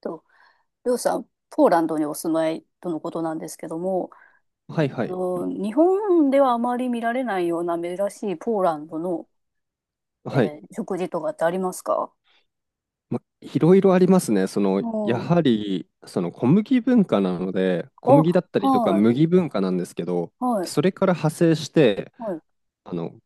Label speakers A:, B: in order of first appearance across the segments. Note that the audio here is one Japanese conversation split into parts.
A: と、りょうさん、ポーランドにお住まいとのことなんですけども、
B: はいはい。
A: 日本ではあまり見られないような珍しいポーランドの、
B: はい。
A: 食事とかってありますか？
B: ま、いろいろありますね。
A: う
B: やは
A: ん。
B: り、その小麦文化なので、小麦
A: あ、
B: だったりとか
A: はい、
B: 麦文化なんですけど、
A: はい、
B: それから派生して、
A: はい、
B: あの、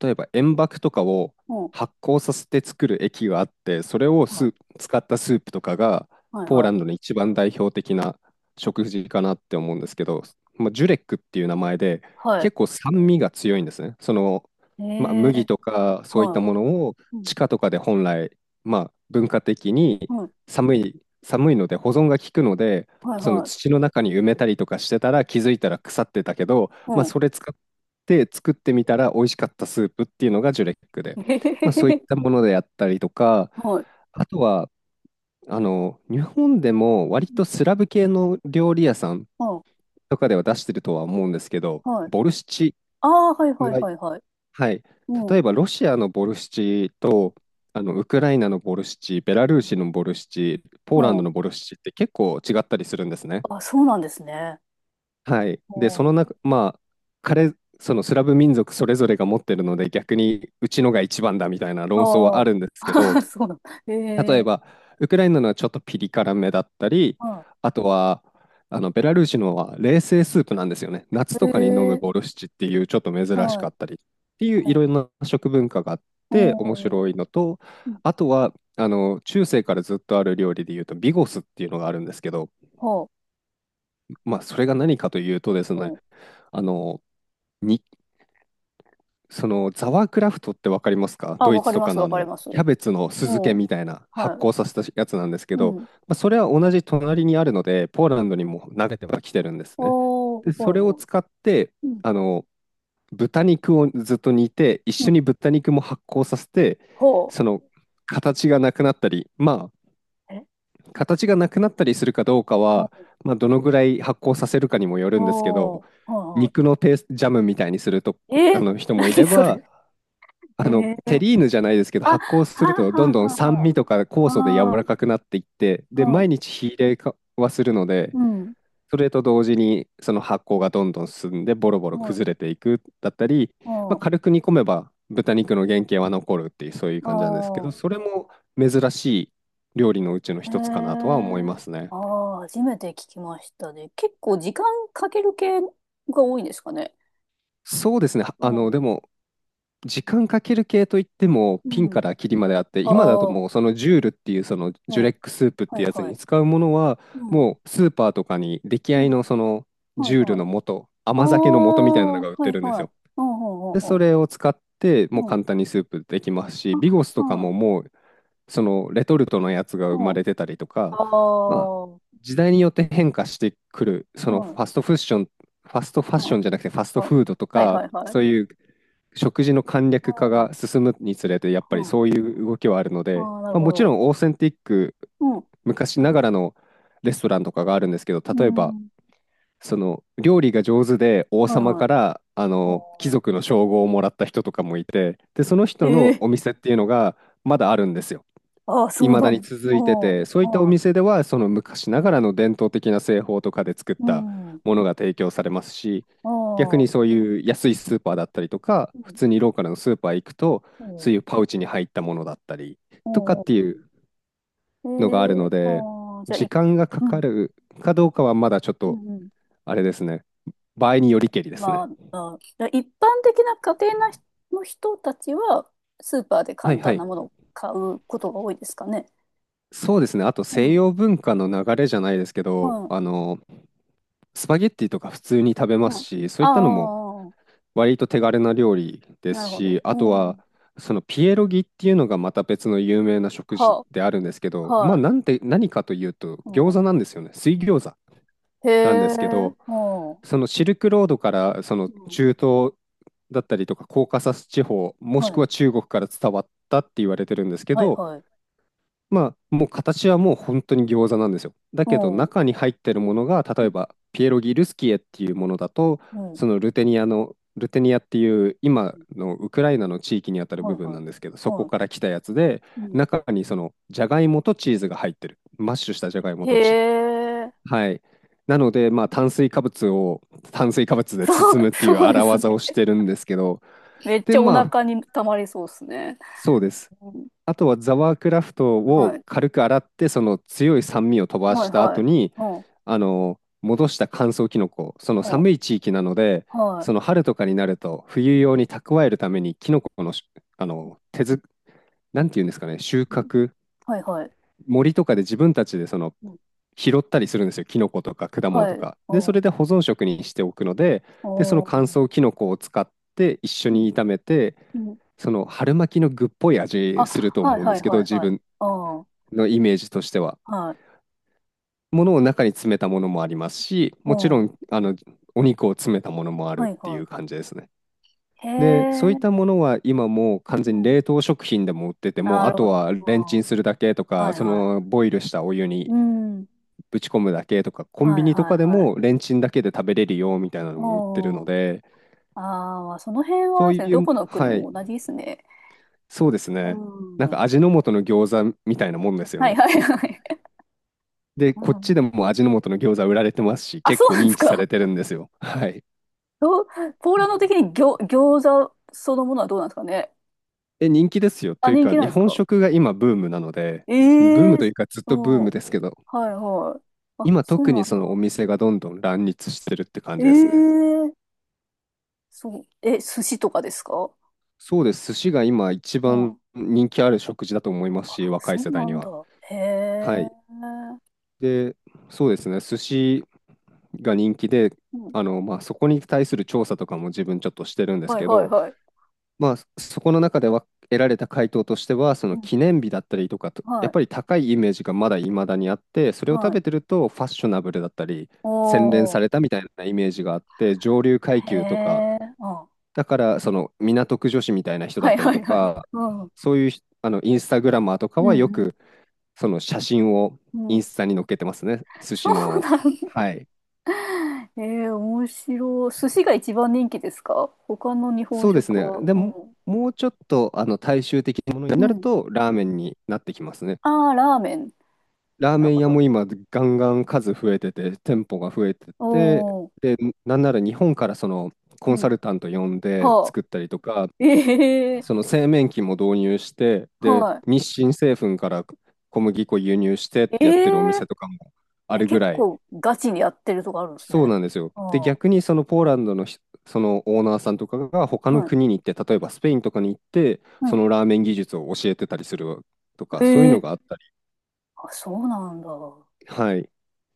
B: 例えば塩爆とかを
A: うん、
B: 発酵させて作る液があって、それを
A: はい、
B: 使ったスープとかが
A: はい、
B: ポー
A: は
B: ランド
A: い、
B: の一番代表的な食事かなって思うんですけど、まあ、ジュレックっていう名前で
A: は
B: 結構酸味が強いんですね。
A: い。
B: まあ、
A: え
B: 麦
A: ー、
B: とかそういっ
A: は
B: たものを
A: い、うん、
B: 地下とかで本来、まあ、文化的に
A: うん、
B: 寒いので保存が効くので、
A: はい、
B: その
A: はい、
B: 土の中に埋めたりとかしてたら気づいたら腐ってたけど、
A: う
B: まあ、
A: ん。
B: それ使って作ってみたら美味しかったスープっていうのがジュレックで、
A: えへへ
B: まあ、そう
A: へ
B: いっ
A: へ、
B: たものであったりとか、
A: はい、
B: あとは、日本でも割
A: う
B: と
A: ん
B: スラブ系の料理屋さん
A: はい、
B: とかでは出してるとは思うんですけど、
A: はい。
B: ボルシチ
A: ああ、はい、はい、
B: が、
A: はい、はい。
B: はい、
A: うん、
B: 例えばロシアのボルシチと、ウクライナのボルシチ、ベラルーシのボルシチ、ポーラン
A: う
B: ド
A: ん。
B: のボルシチって結構違ったりするんですね。
A: あ、そうなんですね。
B: はい。で、
A: う
B: その
A: ん。
B: 中、まあ、そのスラブ民族それぞれが持ってるので、逆にうちのが一番だみたいな論争は
A: ああ、
B: あるんですけど、
A: そうなんだ。
B: 例え
A: え
B: ば、ウクライナのはちょっとピリ辛めだったり、
A: は
B: あとは、あのベラルーシのは冷製スープなんですよね。夏とかに飲む
A: い。
B: ボ
A: ええ
B: ルシチっていうちょっと珍し
A: は
B: か
A: い。
B: ったりっていうい
A: はい。
B: ろんな食文化があっ
A: う
B: て面
A: ん。
B: 白いのと、
A: うん。
B: あとはあの中世からずっとある料理でいうとビゴスっていうのがあるんですけど、
A: は
B: まあそれが何かというとで
A: あ。
B: す
A: う
B: ね、
A: ん。
B: あの、にそのザワークラフトってわかりますか？
A: あ、
B: ドイ
A: わか
B: ツ
A: り
B: と
A: ま
B: か
A: す、
B: の
A: わかります。う
B: キャベツの酢漬け
A: ん。
B: みたいな発
A: は
B: 酵させたやつなんですけ
A: い。う
B: ど、
A: ん。
B: まあ、それは同じ隣にあるので、ポーランドにも投げてはきてるんですね。
A: お
B: で、
A: ー、は
B: そ
A: い、
B: れを
A: はい。
B: 使って、
A: うん。
B: あの、豚肉をずっと煮て、一
A: う
B: 緒
A: ん。
B: に豚肉も発酵させて、
A: ほ
B: その形がなくなったり、まあ、
A: う。え
B: 形がなくなったりするかどうかは、
A: お
B: まあ、どのぐらい発酵させるかにもよるんですけ
A: お
B: ど、
A: ー、は
B: 肉のペースジャムみたいにすると
A: い、はい。え
B: あ
A: ー、
B: の 人もい
A: 何
B: れ
A: そ
B: ば、
A: れ。ええ
B: テリーヌじゃないですけど、
A: あ、は
B: 発酵
A: あ、
B: するとどん
A: は
B: ど
A: あ、
B: ん酸
A: は
B: 味とか
A: あ、
B: 酵素で柔
A: はあ。
B: らかくなっていって、で、
A: はい。
B: 毎日火入れかはするので、
A: うん。
B: それと同時にその発酵がどんどん進んでボロボロ
A: は
B: 崩
A: い。
B: れていくだったり、
A: あ
B: まあ、軽
A: あ。
B: く煮込めば豚
A: うん
B: 肉の原型は残るっていうそういう
A: あ
B: 感じなんですけ
A: ー。
B: ど、それも珍しい料理のうちの
A: へ
B: 一つかなとは思い
A: え。
B: ますね。
A: ああ、初めて聞きましたね。結構時間かける系が多いんですかね？
B: そうですね。
A: うん。
B: でも時間かける系といっても、
A: う
B: ピンか
A: ん。
B: らキリまであって、今だと
A: ああ、
B: もうそのジュールっていうその
A: う
B: ジュ
A: ん。
B: レックスープっ
A: は
B: て
A: い
B: やつ
A: は
B: に
A: い。
B: 使うものは、
A: うん。
B: もうスーパーとかに出来
A: う
B: 合い
A: ん。
B: のその
A: はい
B: ジュール
A: はい。
B: の素、
A: あ
B: 甘酒の素みたいな
A: あ、
B: の
A: は
B: が売って
A: い
B: るんです
A: はい。
B: よ。
A: うん、う
B: で、
A: ん、う
B: そ
A: ん、
B: れを使って、もう簡単にスープできますし、ビゴス
A: う
B: とか
A: ん。
B: ももうそのレトルトのやつが
A: う
B: 生ま
A: ん。
B: れてたりとか、
A: あ、
B: まあ、
A: はい。
B: 時代によって変化してくる、そ
A: うん。
B: の
A: ああ、
B: フ
A: はい。
B: ァストファッション、ファストファッ
A: う
B: シ
A: ん。
B: ョンじゃなくてファスト
A: あ、
B: フードと
A: はい
B: か、
A: はいはい。
B: そういう食事の簡
A: う
B: 略化が
A: ん。
B: 進むにつれて、やっぱ
A: う
B: り
A: ん。
B: そういう動きはあるので、
A: ああ、なる
B: まあ、
A: ほ
B: もちろ
A: ど。
B: んオーセンティック、
A: うん。
B: 昔ながらのレストランとかがあるんですけど、
A: う
B: 例えば、
A: ん。
B: その料理が上手で王
A: はい
B: 様
A: はい。
B: からあの貴
A: うん。
B: 族の称号をもらった人とかもいて、で、その人の
A: ええ
B: お店っていうのがまだあるんですよ。
A: ああ、そう
B: 未
A: だ。
B: だ
A: う
B: に
A: ん。
B: 続いてて、そういったお
A: は
B: 店ではその昔ながらの伝統的な製法とかで作っ
A: い。う
B: た
A: ん。
B: ものが提供されますし、
A: あ
B: 逆に
A: あ。
B: そういう安いスーパーだったりとか、
A: う
B: 普
A: ん。
B: 通にローカルのスーパー行くと、
A: う
B: そ
A: ん。
B: ういうパウチに入ったものだったりとか
A: う
B: ってい
A: ん。
B: う
A: え
B: のがある
A: え
B: ので、
A: ああ、じゃあ、
B: 時
A: い、
B: 間がか
A: う
B: か
A: ん。
B: るかどうかはまだちょっ
A: う
B: と
A: ん。うん。
B: あれですね。場合によりけりです
A: ま
B: ね。
A: あ、一般的な家庭な人の人たちは、スーパーで
B: はい
A: 簡
B: は
A: 単な
B: い。
A: ものを買うことが多いですかね？
B: そうですね。あと
A: う
B: 西
A: ん。
B: 洋文化の流れじゃないですけど、
A: はい。
B: スパゲッティとか普通に食べ
A: う
B: ます
A: ん。
B: し、そう
A: あ
B: いったのも
A: あ、
B: 割と手軽な料理で
A: な
B: す
A: るほど。
B: し、あ
A: う
B: とは、
A: ん。
B: そのピエロギっていうのがまた別の有名な食事
A: は、
B: であるんですけど、まあ
A: はい。
B: なんて、何かというと
A: う
B: 餃
A: ん。
B: 子なんですよね。水餃子
A: へ
B: なんで
A: え、
B: すけど、
A: うんうん。
B: そのシルクロードからその中東だったりとかコーカサス地方、もし
A: は
B: く
A: い。
B: は中国から伝わったって言われてるんですけ
A: はい、
B: ど、
A: はい。
B: まあ、もう形はもう本当に餃子なんですよ。だ
A: う
B: けど
A: ん。う
B: 中に入ってるものが、例えば
A: ん。
B: ピエロギルスキエっていうものだと、
A: うん
B: そのルテニアっていう今のウクライナの地域にあたる
A: は
B: 部
A: い、
B: 分
A: はい。
B: なんですけど、そこ
A: は
B: か
A: い。
B: ら来たやつで、
A: うん。
B: 中にそのジャガイモとチーズが入ってる。マッシュしたジャガイモ
A: へ
B: とチーズ。
A: え、
B: はい。なので、まあ、炭水化物を炭水化物で
A: そ
B: 包む
A: う、
B: っていう
A: そうで
B: 荒
A: す
B: 技を
A: ね。
B: してるんですけど、
A: めっち
B: で、
A: ゃお
B: まあ、
A: 腹に溜まりそうですね。
B: そうです。
A: うん。
B: あとはザワークラフト
A: は
B: を
A: い。
B: 軽く洗って、その強い酸味を飛ば
A: はい、
B: した
A: は
B: 後
A: い。
B: に、
A: うん
B: 戻した乾燥キノコ、その寒
A: は
B: い地域なので、
A: あは
B: その春とかになると冬
A: い。うん
B: 用に蓄えるためにキノコのあ
A: う
B: の、手づ、なんていうんですかね、収
A: んうん
B: 穫、
A: はいはい。
B: 森とかで自分たちでその
A: うん
B: 拾ったりするんですよ、キノコとか果物
A: は
B: と
A: い。
B: か。で、
A: お
B: そ
A: ー
B: れで保存食にしておくので、で、その乾
A: おー。
B: 燥キノコを使って一緒
A: うん。
B: に炒めて、
A: うん。
B: その春巻きの具っぽい
A: あ、
B: 味すると
A: はい
B: 思うんで
A: はい
B: すけど、
A: はい
B: 自
A: はい。
B: 分
A: ああ、は
B: のイメージとしては。
A: い。
B: ものを中に詰めたものもありますし、もち
A: う
B: ろ
A: ん。
B: ん、お肉を詰めたものもある
A: は
B: っ
A: い
B: てい
A: は
B: う感じですね。
A: い。へ
B: で、そういっ
A: え。
B: たものは今もう完
A: う
B: 全に
A: ん。
B: 冷凍食品でも売ってて
A: な
B: も、あ
A: る
B: と
A: ほど。
B: はレンチ
A: あ
B: ンするだけと
A: ーは
B: か、
A: い
B: そ
A: はい。
B: のボイルしたお湯
A: う
B: に
A: ん。
B: ぶち込むだけとか、コン
A: は
B: ビ
A: い
B: ニと
A: は
B: か
A: い
B: で
A: はい。
B: もレンチンだけで食べれるよみたいなのも売ってるの
A: おー。
B: で、
A: ああ、その辺
B: そ
A: はで
B: う
A: すね、
B: い
A: ど
B: う、
A: この国
B: はい、
A: も同じですね。
B: そうです
A: う
B: ね。なん
A: ん。
B: か味の素の餃子みたいなもんですよ
A: はい
B: ね。
A: はいはい。
B: で、
A: う
B: こっち
A: ん。
B: でも味の素の餃子売られてますし、
A: あ、
B: 結
A: そう
B: 構
A: なんで
B: 認
A: す
B: 知さ
A: か？
B: れてるんですよ。はい。
A: どう、ポーランド的に餃子そのものはどうなんですかね？
B: え、人気ですよ。
A: あ、
B: という
A: 人
B: か、
A: 気なん
B: 日
A: です
B: 本
A: か？
B: 食が今ブームなので、
A: え
B: ブー
A: え
B: ムというかずっ
A: う
B: とブー
A: ん。は
B: ムですけど、
A: いはい。あ、
B: 今
A: そう
B: 特
A: な
B: に
A: ん
B: そ
A: だ。
B: のお店がどんどん乱立してるって感
A: え
B: じですね。
A: えそう。え、寿司とかですか？
B: そうです。寿司が今一
A: う
B: 番
A: ん。
B: 人気ある食事だと思いますし、若い
A: そ
B: 世
A: う
B: 代
A: な
B: に
A: んだ。
B: は。
A: へ
B: は
A: え。
B: い。で、そうですね。寿司が人気で、
A: うん。
B: そこに対する調査とかも自分ちょっとしてるんです
A: はい
B: け
A: はい
B: ど、
A: はい。
B: そこの中では得られた回答としては、そ
A: う
B: の記
A: ん。
B: 念日だったりとかと、や
A: は
B: っぱり
A: い。
B: 高いイメージがまだ未だにあって、それを食
A: はい。
B: べてるとファッショナブルだったり、洗練
A: お
B: さ
A: ー。
B: れたみたいなイメージがあって、上流階
A: へ
B: 級とか、
A: え。あ。
B: だからその港区女子みたいな人だ
A: は
B: っ
A: い
B: たり
A: は
B: と
A: いはい。
B: か、
A: うん。うん。
B: そういうひあのインスタグラマーとかはよ
A: う
B: くその写真を
A: ん。
B: イ
A: う
B: ン
A: ん
B: スタに載っけてますね、寿
A: そ
B: 司
A: う
B: の。
A: なんだ。
B: はい。
A: ええ面白い。寿司が一番人気ですか？他の日本
B: そうです
A: 食
B: ね。
A: は？
B: で
A: う
B: も、
A: ん。
B: もうちょっと大衆的なものに
A: う
B: なる
A: ん。
B: と、ラー
A: う
B: メ
A: ん。
B: ンになってきますね。
A: ああ、ラーメン。
B: ラー
A: な
B: メ
A: る
B: ン
A: ほ
B: 屋も
A: ど。
B: 今ガンガン数増えてて、店舗が増えて
A: お
B: て、
A: ー、
B: で、なんなら日本からそのコン
A: う
B: サ
A: ん。
B: ルタント呼んで
A: はあ。
B: 作ったりとか、
A: ええ
B: その製麺機も導入して、で、
A: は
B: 日清製粉から小麦粉輸入してっ
A: い。え
B: てやってるお
A: え
B: 店とかもあ
A: え、
B: るぐ
A: 結
B: らい、
A: 構ガチにやってるとこあるんですね。
B: そうなんですよ。
A: あ
B: で、
A: あ、は
B: 逆にそのポーランドのひそのオーナーさんとかが他の
A: い。
B: 国に行って、例えばスペインとかに行って、
A: は
B: そ
A: い。
B: のラーメン技術を教えてたりすると
A: え
B: か、そういうの
A: え
B: があったり、
A: あ、そうなんだ。
B: はい、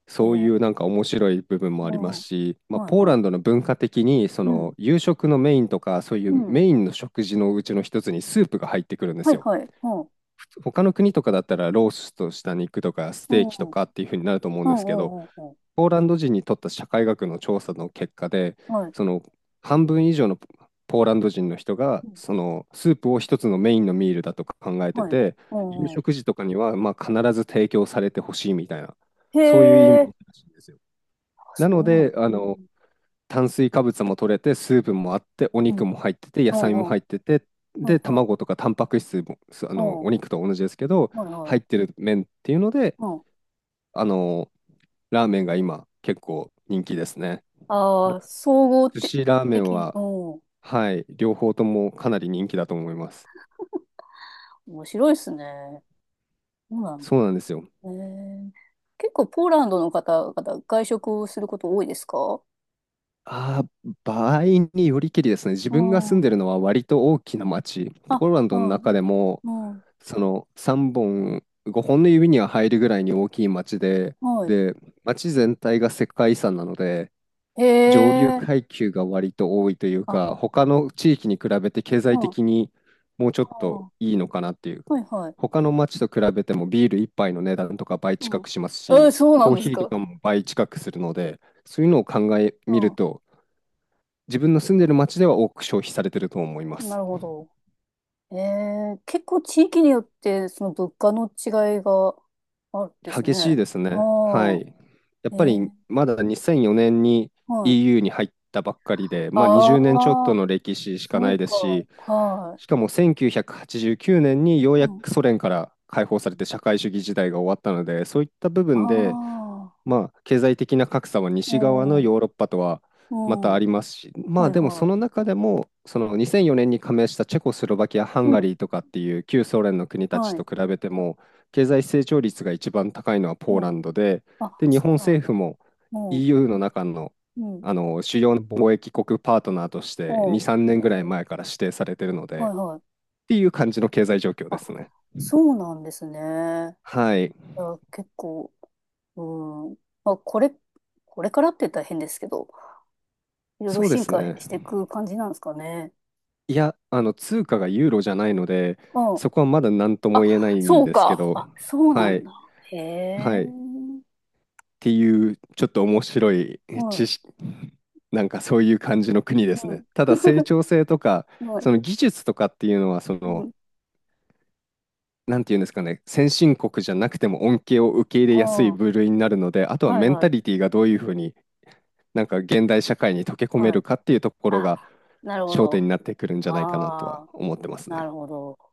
B: そうい
A: え
B: うな
A: え
B: んか面白い部分も
A: う
B: ありま
A: ん。
B: す
A: は
B: し、まあ、ポ
A: い
B: ー
A: は
B: ラン
A: い。
B: ドの文化的にそ
A: うん。
B: の夕食のメインとかそうい
A: う
B: う
A: ん。
B: メインの食事のうちの一つにスープが入ってくるんで
A: は
B: す
A: い
B: よ。
A: はい。うん。
B: 他の国とかだったらローストした肉とかス
A: う
B: テー
A: ん。
B: キと
A: うん
B: かっていう風になると思うん
A: う
B: ですけど、
A: んうんうん。
B: ポーランド人にとった社会学の調査の結果で、
A: はい。
B: その半分以上のポーランド人の人が
A: うん。
B: そのスープを一つのメインのミールだと考えて
A: はい。
B: て、
A: う
B: 夕
A: んうん。
B: 食時とかにはまあ必ず提供されてほしいみたいな、
A: へ
B: そういう意味
A: え。
B: らしいんですよ。
A: あ、
B: な
A: そ
B: の
A: うなんだ。
B: で、
A: うん。
B: 炭水化物も取れて、スープもあって、お
A: うん。う
B: 肉も入ってて、野菜も
A: んうん。
B: 入ってて、
A: はい
B: で、
A: は
B: 卵
A: い。
B: とかタンパク質も、すあの、
A: うん。
B: お肉と同じですけど、
A: はいは
B: 入っ
A: い。
B: てる麺っていうので、
A: うん。
B: あの、ラーメンが今結構人気ですね。
A: あ
B: ら
A: あ、総合
B: 寿
A: て
B: 司ラーメン
A: 的に。
B: は、
A: うん。
B: はい、両方ともかなり人気だと思います。
A: 面白いですね。そうなんだ。
B: そうなんですよ。
A: へえ。結構ポーランドの方々、外食をすること多いですか？
B: 場合によりけりですね。自
A: う
B: 分が住ん
A: ん。
B: でるのは割と大きな町。
A: あ、
B: ポーランドの
A: はい。
B: 中でも、
A: うん。
B: その3本、5本の指には入るぐらいに大きい町で、
A: はい。
B: で、町全体が世界遺産なので、
A: へ
B: 上流
A: え。
B: 階級が割と多いという
A: あ、
B: か、他の地域に比べて経
A: う
B: 済
A: ん。あ
B: 的にもうちょっと
A: ー
B: いいのかなっていう。
A: はいはい。
B: 他の町と比べてもビール一杯の値段とか倍近
A: うん。
B: くします
A: え
B: し、
A: ー、そうな
B: コー
A: んで
B: ヒ
A: す
B: ーと
A: か？
B: かも倍近くするので、そういうのを考えみる
A: う
B: と、自分の住んでる町では多く消費されてると思いま
A: ん。な
B: す。
A: るほど。えー、結構地域によって、その物価の違いがあるんです
B: 激
A: ね。
B: し
A: あ
B: いですね。は
A: あ。
B: い。や
A: え
B: っぱり
A: ー、
B: まだ2004年に
A: はい。
B: EU に入ったばっかりで、まあ20年ちょっ
A: あ
B: と
A: あ、
B: の歴史しか
A: そ
B: な
A: う
B: いで
A: か。
B: すし、
A: はい。
B: しかも1989年によう
A: う
B: や
A: ん。
B: くソ連から解放されて社会主義時代が終わったので、そういった部
A: あ
B: 分で
A: あ、
B: まあ、経済的な格差は
A: う
B: 西側
A: ん、
B: のヨーロッパとはまた
A: う
B: あ
A: ん、
B: りますし、ま
A: は
B: あ
A: い
B: でもそ
A: は
B: の
A: い。
B: 中でも、その2004年に加盟したチェコスロバキア、ハン
A: う
B: ガ
A: ん、
B: リーとかっていう旧ソ連の国たち
A: はい、
B: と比べても、経済成長率が一番高いのはポーラ
A: うん。
B: ンドで、
A: あ、
B: で、日
A: そ
B: 本
A: うなん
B: 政
A: だ。
B: 府も
A: うん、う
B: EU の中の、
A: ん、う
B: あの主要な貿易国パートナーとし
A: ん、
B: て2、3年ぐらい前から指定されてるの
A: は
B: で、
A: いはい。
B: っていう感じの経済状況で
A: あ、
B: すね。
A: そうなんですね。
B: はい、
A: いや、結構、うん。まあ、これ、これからって言ったら変ですけど、いろいろ
B: そうで
A: 進
B: す
A: 化
B: ね。
A: していく感じなんですかね？
B: 通
A: う
B: 貨が
A: ん、
B: ユーロじゃないので、
A: うん。
B: そこはまだ何とも
A: あ、
B: 言えないん
A: そう
B: ですけ
A: か。
B: ど、
A: あ、そうな
B: は
A: ん
B: い、
A: だ。へ
B: は
A: え。
B: い、っていう、ちょっと面白い
A: はい、
B: 知識、なんかそういう感じの国です
A: うん。
B: ね。ただ、成 長性とか、
A: はい、
B: その技術とかっていうのは、そ
A: う
B: の、
A: ん。
B: なんていうんですかね、先進国じゃなくても恩恵を受け入れ
A: ああ、
B: やすい
A: は
B: 部類になるので、あと
A: い
B: はメン
A: は
B: タ
A: い、
B: リティがどういうふうに、なんか現代社会に溶け込め
A: は
B: る
A: い。
B: かっていうところ
A: あ
B: が
A: なるほ
B: 焦点
A: ど。
B: になってくるんじゃないかなと
A: あ
B: は
A: あ、
B: 思ってます
A: な
B: ね。
A: るほど。